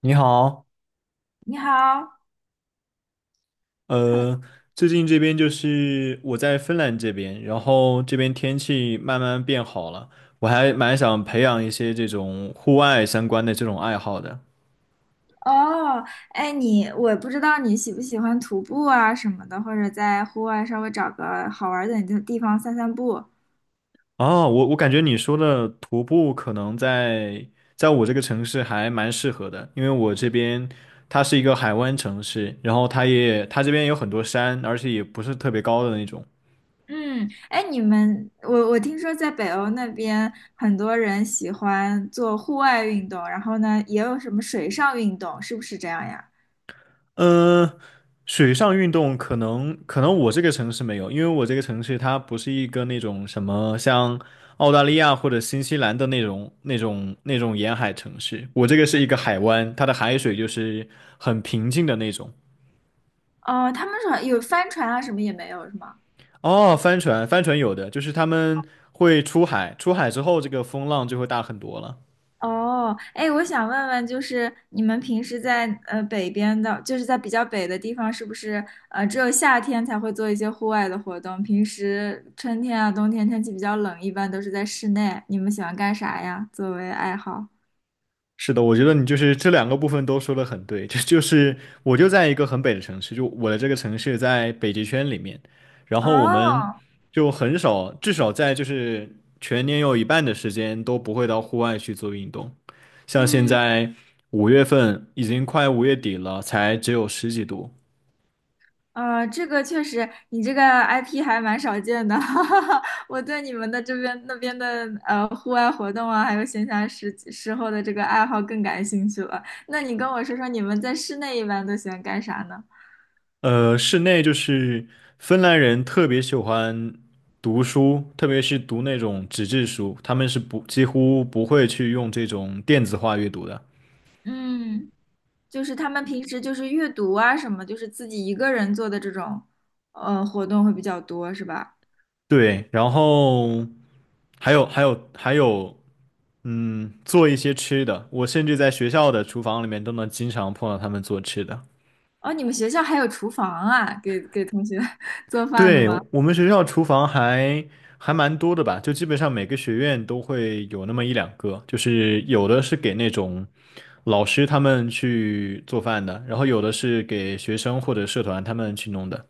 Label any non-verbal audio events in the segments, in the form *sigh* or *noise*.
你好，你好，Hello。呃，最近这边就是我在芬兰这边，然后这边天气慢慢变好了，我还蛮想培养一些这种户外相关的这种爱好的。哦，哎，你不知道你喜不喜欢徒步啊什么的，或者在户外稍微找个好玩儿点的地方散散步。哦，我感觉你说的徒步可能在我这个城市还蛮适合的，因为我这边它是一个海湾城市，然后它也它这边有很多山，而且也不是特别高的那种。嗯，哎，你们，我听说在北欧那边很多人喜欢做户外运动，然后呢，也有什么水上运动，是不是这样呀？嗯，水上运动可能我这个城市没有，因为我这个城市它不是一个那种什么像澳大利亚或者新西兰的那种沿海城市，我这个是一个海湾，它的海水就是很平静的那种。哦，他们说有帆船啊，什么也没有，是吗？哦，帆船，帆船有的，就是他们会出海，出海之后这个风浪就会大很多了。哦，哎，我想问问，就是你们平时在北边的，就是在比较北的地方，是不是只有夏天才会做一些户外的活动？平时春天啊、冬天天气比较冷，一般都是在室内。你们喜欢干啥呀？作为爱好？是的，我觉得你就是这两个部分都说的很对，这就是我就在一个很北的城市，就我的这个城市在北极圈里面，然后我们哦，就很少，至少在就是全年有一半的时间都不会到户外去做运动，像现嗯，在5月份已经快5月底了，才只有十几度。这个确实，你这个 IP 还蛮少见的，*laughs* 哈哈哈。我对你们的这边那边的户外活动啊，还有闲暇时候的这个爱好更感兴趣了。那你跟我说说，你们在室内一般都喜欢干啥呢？室内就是芬兰人特别喜欢读书，特别是读那种纸质书，他们是不几乎不会去用这种电子化阅读的。嗯，就是他们平时就是阅读啊什么，就是自己一个人做的这种活动会比较多，是吧？对，然后还有,嗯，做一些吃的，我甚至在学校的厨房里面都能经常碰到他们做吃的。哦，你们学校还有厨房啊，给同学 *laughs* 做饭的对，吗？我们学校厨房还蛮多的吧，就基本上每个学院都会有那么1两个，就是有的是给那种老师他们去做饭的，然后有的是给学生或者社团他们去弄的。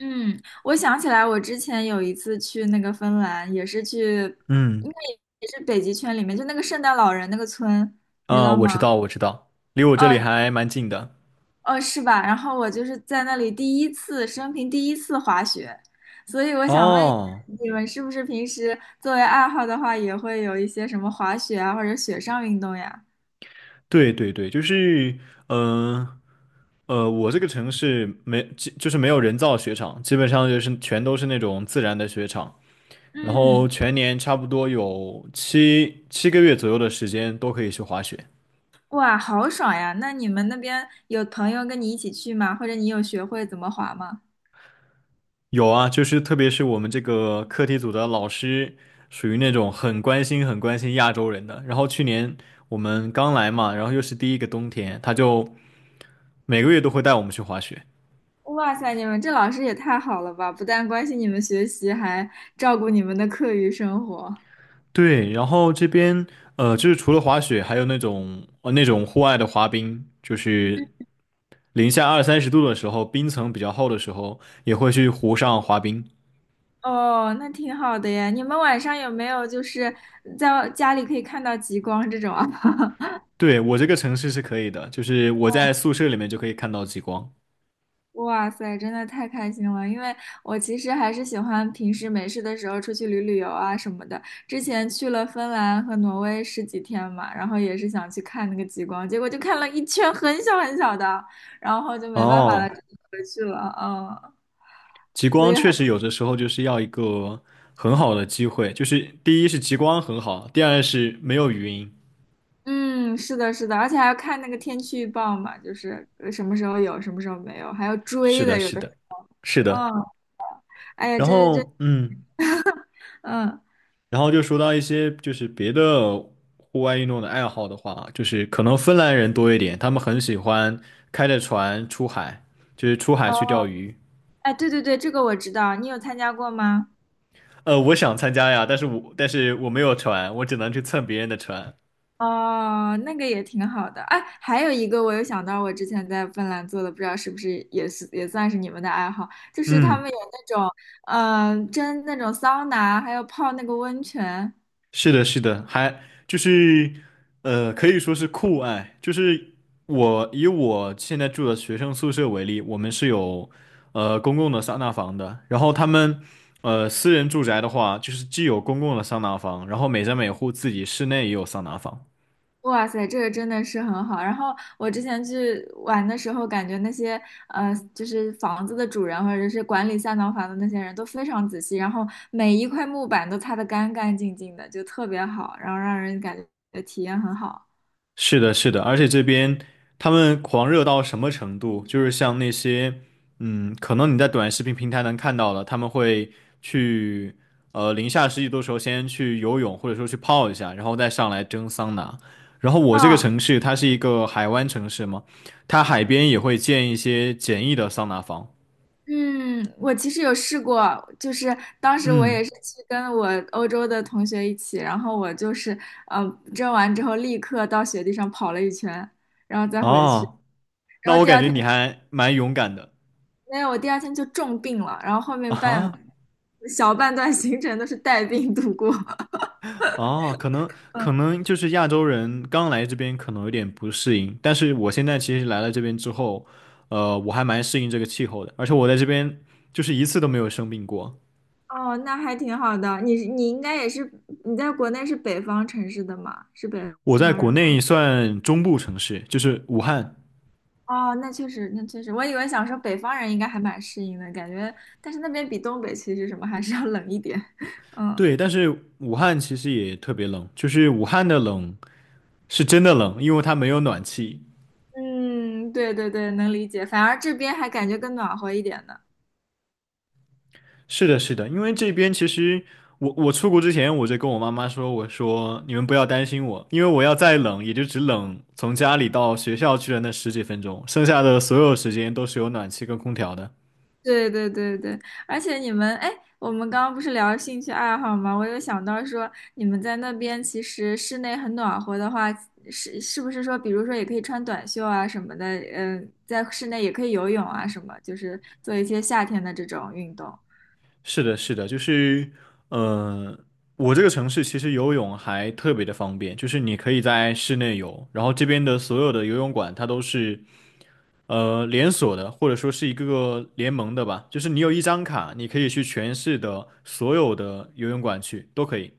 嗯，我想起来，我之前有一次去那个芬兰，也是去，嗯，应该也是北极圈里面，就那个圣诞老人那个村，你知啊，道我知吗？道，我知道，离我这里嗯，还蛮近的。哦，是吧？然后我就是在那里第一次，生平第一次滑雪，所以我想问一下，哦。你们是不是平时作为爱好的话，也会有一些什么滑雪啊，或者雪上运动呀？对对对，就是，嗯，我这个城市没，基就是没有人造雪场，基本上就是全都是那种自然的雪场，然后嗯，全年差不多有七个月左右的时间都可以去滑雪。哇，好爽呀！那你们那边有朋友跟你一起去吗？或者你有学会怎么滑吗？有啊，就是特别是我们这个课题组的老师，属于那种很关心亚洲人的。然后去年我们刚来嘛，然后又是第一个冬天，他就每个月都会带我们去滑雪。哇塞，你们这老师也太好了吧！不但关心你们学习，还照顾你们的课余生活。对，然后这边就是除了滑雪，还有那种那种户外的滑冰，就是零下2、30度的时候，冰层比较厚的时候，也会去湖上滑冰。哦，那挺好的呀。你们晚上有没有就是在家里可以看到极光这种啊？*laughs* 对，我这个城市是可以的，就是我在宿舍里面就可以看到极光。哇塞，真的太开心了！因为我其实还是喜欢平时没事的时候出去旅旅游啊什么的。之前去了芬兰和挪威十几天嘛，然后也是想去看那个极光，结果就看了一圈很小很小的，然后就没办法了，哦，就回去了。嗯。极光确实有的时候就是要一个很好的机会，就是第一是极光很好，第二是没有云。嗯，是的，是的，而且还要看那个天气预报嘛，就是什么时候有，什么时候没有，还要是追的，的，有是的时的，是候，嗯，的。哎呀，然真，后，嗯。嗯，然后就说到一些就是别的户外运动的爱好的话，就是可能芬兰人多一点，他们很喜欢开着船出海，就是出海去呃钓鱼。哎，对对对，这个我知道，你有参加过吗？我想参加呀，但是我没有船，我只能去蹭别人的船。哦，那个也挺好的，哎，还有一个我有想到，我之前在芬兰做的，不知道是不是也是也算是你们的爱好，就是他嗯。们有那种，嗯、蒸那种桑拿，还有泡那个温泉，是的，是的，还就是，可以说是酷爱。就是我以我现在住的学生宿舍为例，我们是有公共的桑拿房的。然后他们私人住宅的话，就是既有公共的桑拿房，然后每家每户自己室内也有桑拿房。哇塞，这个真的是很好。然后我之前去玩的时候，感觉那些就是房子的主人或者是管理三套房的那些人都非常仔细，然后每一块木板都擦得干干净净的，就特别好，然后让人感觉体验很好。是的，是的，而且这边他们狂热到什么程度？就是像那些，嗯，可能你在短视频平台能看到的，他们会去，零下10几度的时候先去游泳，或者说去泡一下，然后再上来蒸桑拿。然后我这个啊。城市它是一个海湾城市嘛，它海边也会建一些简易的桑拿房。嗯，我其实有试过，就是当时我也嗯，是去跟我欧洲的同学一起，然后我就是呃蒸完之后立刻到雪地上跑了一圈，然后再回去，哦，那然后我第感二觉天。你还蛮勇敢的。没有，我第二天就重病了，然后后啊面哈。小半段行程都是带病度过。*laughs* 哦，可能就是亚洲人刚来这边可能有点不适应，但是我现在其实来了这边之后，我还蛮适应这个气候的，而且我在这边就是一次都没有生病过。哦，那还挺好的。你应该也是你在国内是北方城市的嘛？是北我在方国人吗？内算中部城市，就是武汉，哦，那确实，那确实，我以为想说北方人应该还蛮适应的感觉，但是那边比东北其实什么还是要冷一点。*laughs* 嗯对，但是武汉其实也特别冷，就是武汉的冷是真的冷，因为它没有暖气，嗯，对对对，能理解。反而这边还感觉更暖和一点呢。是的，是的，因为这边其实我出国之前我就跟我妈妈说，我说你们不要担心我，因为我要再冷也就只冷从家里到学校去的那10几分钟，剩下的所有时间都是有暖气跟空调的。对对对对，而且你们，哎，我们刚刚不是聊兴趣爱好吗？我有想到说，你们在那边其实室内很暖和的话，是不是说，比如说也可以穿短袖啊什么的，嗯，在室内也可以游泳啊什么，就是做一些夏天的这种运动。是的，是的，就是，呃，我这个城市其实游泳还特别的方便，就是你可以在室内游，然后这边的所有的游泳馆它都是连锁的，或者说是一个个联盟的吧，就是你有一张卡，你可以去全市的所有的游泳馆去，都可以。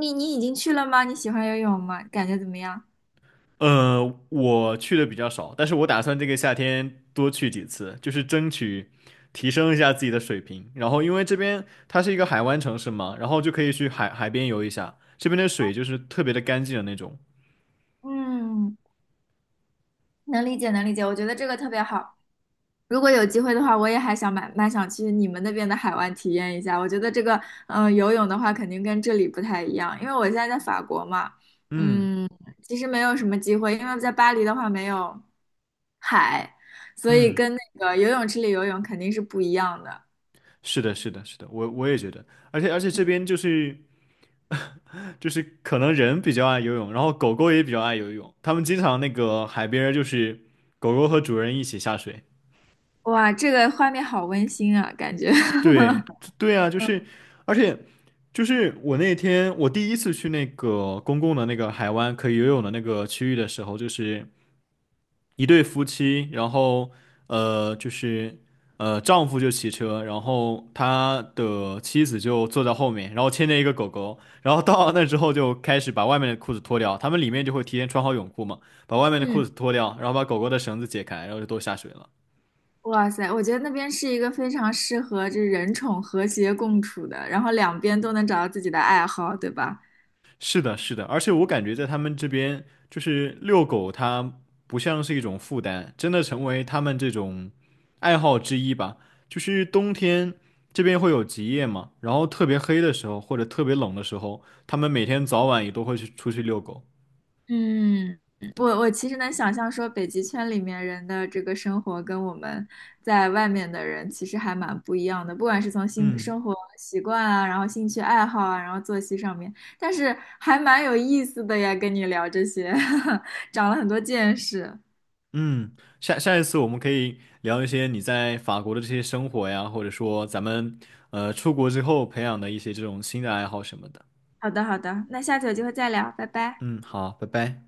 你已经去了吗？你喜欢游泳吗？感觉怎么样？呃，我去的比较少，但是我打算这个夏天多去几次，就是争取提升一下自己的水平。然后因为这边它是一个海湾城市嘛，然后就可以去海边游一下，这边的水就是特别的干净的那种。嗯，能理解能理解，我觉得这个特别好。如果有机会的话，我也还想蛮想去你们那边的海湾体验一下。我觉得这个，嗯、游泳的话肯定跟这里不太一样，因为我现在在法国嘛，嗯，嗯，其实没有什么机会，因为在巴黎的话没有海，所以嗯，跟那个游泳池里游泳肯定是不一样的。是的，是的，是的，我也觉得，而且这边就是。*laughs* 就是可能人比较爱游泳，然后狗狗也比较爱游泳，他们经常那个海边儿就是狗狗和主人一起下水。哇，这个画面好温馨啊，感觉。对，*laughs* 对啊，就是，而且就是我那天我第一次去那个公共的那个海湾可以游泳的那个区域的时候，就是。一对夫妻，然后就是丈夫就骑车，然后他的妻子就坐在后面，然后牵着一个狗狗，然后到了那之后就开始把外面的裤子脱掉，他们里面就会提前穿好泳裤嘛，把外面的裤嗯，子脱掉，然后把狗狗的绳子解开，然后就都下水了。哇塞，我觉得那边是一个非常适合这人宠和谐共处的，然后两边都能找到自己的爱好，对吧？是的，是的，而且我感觉在他们这边，就是遛狗，它不像是一种负担，真的成为他们这种爱好之一吧。就是冬天这边会有极夜嘛，然后特别黑的时候或者特别冷的时候，他们每天早晚也都会去出去遛狗。嗯，我其实能想象说，北极圈里面人的这个生活跟我们在外面的人其实还蛮不一样的，不管是从新嗯，生活习惯啊，然后兴趣爱好啊，然后作息上面，但是还蛮有意思的呀，跟你聊这些，*laughs* 长了很多见识。嗯，下一次我们可以聊一些你在法国的这些生活呀，或者说咱们出国之后培养的一些这种新的爱好什么的。好的，好的，那下次有机会再聊，拜拜。嗯，好，拜拜。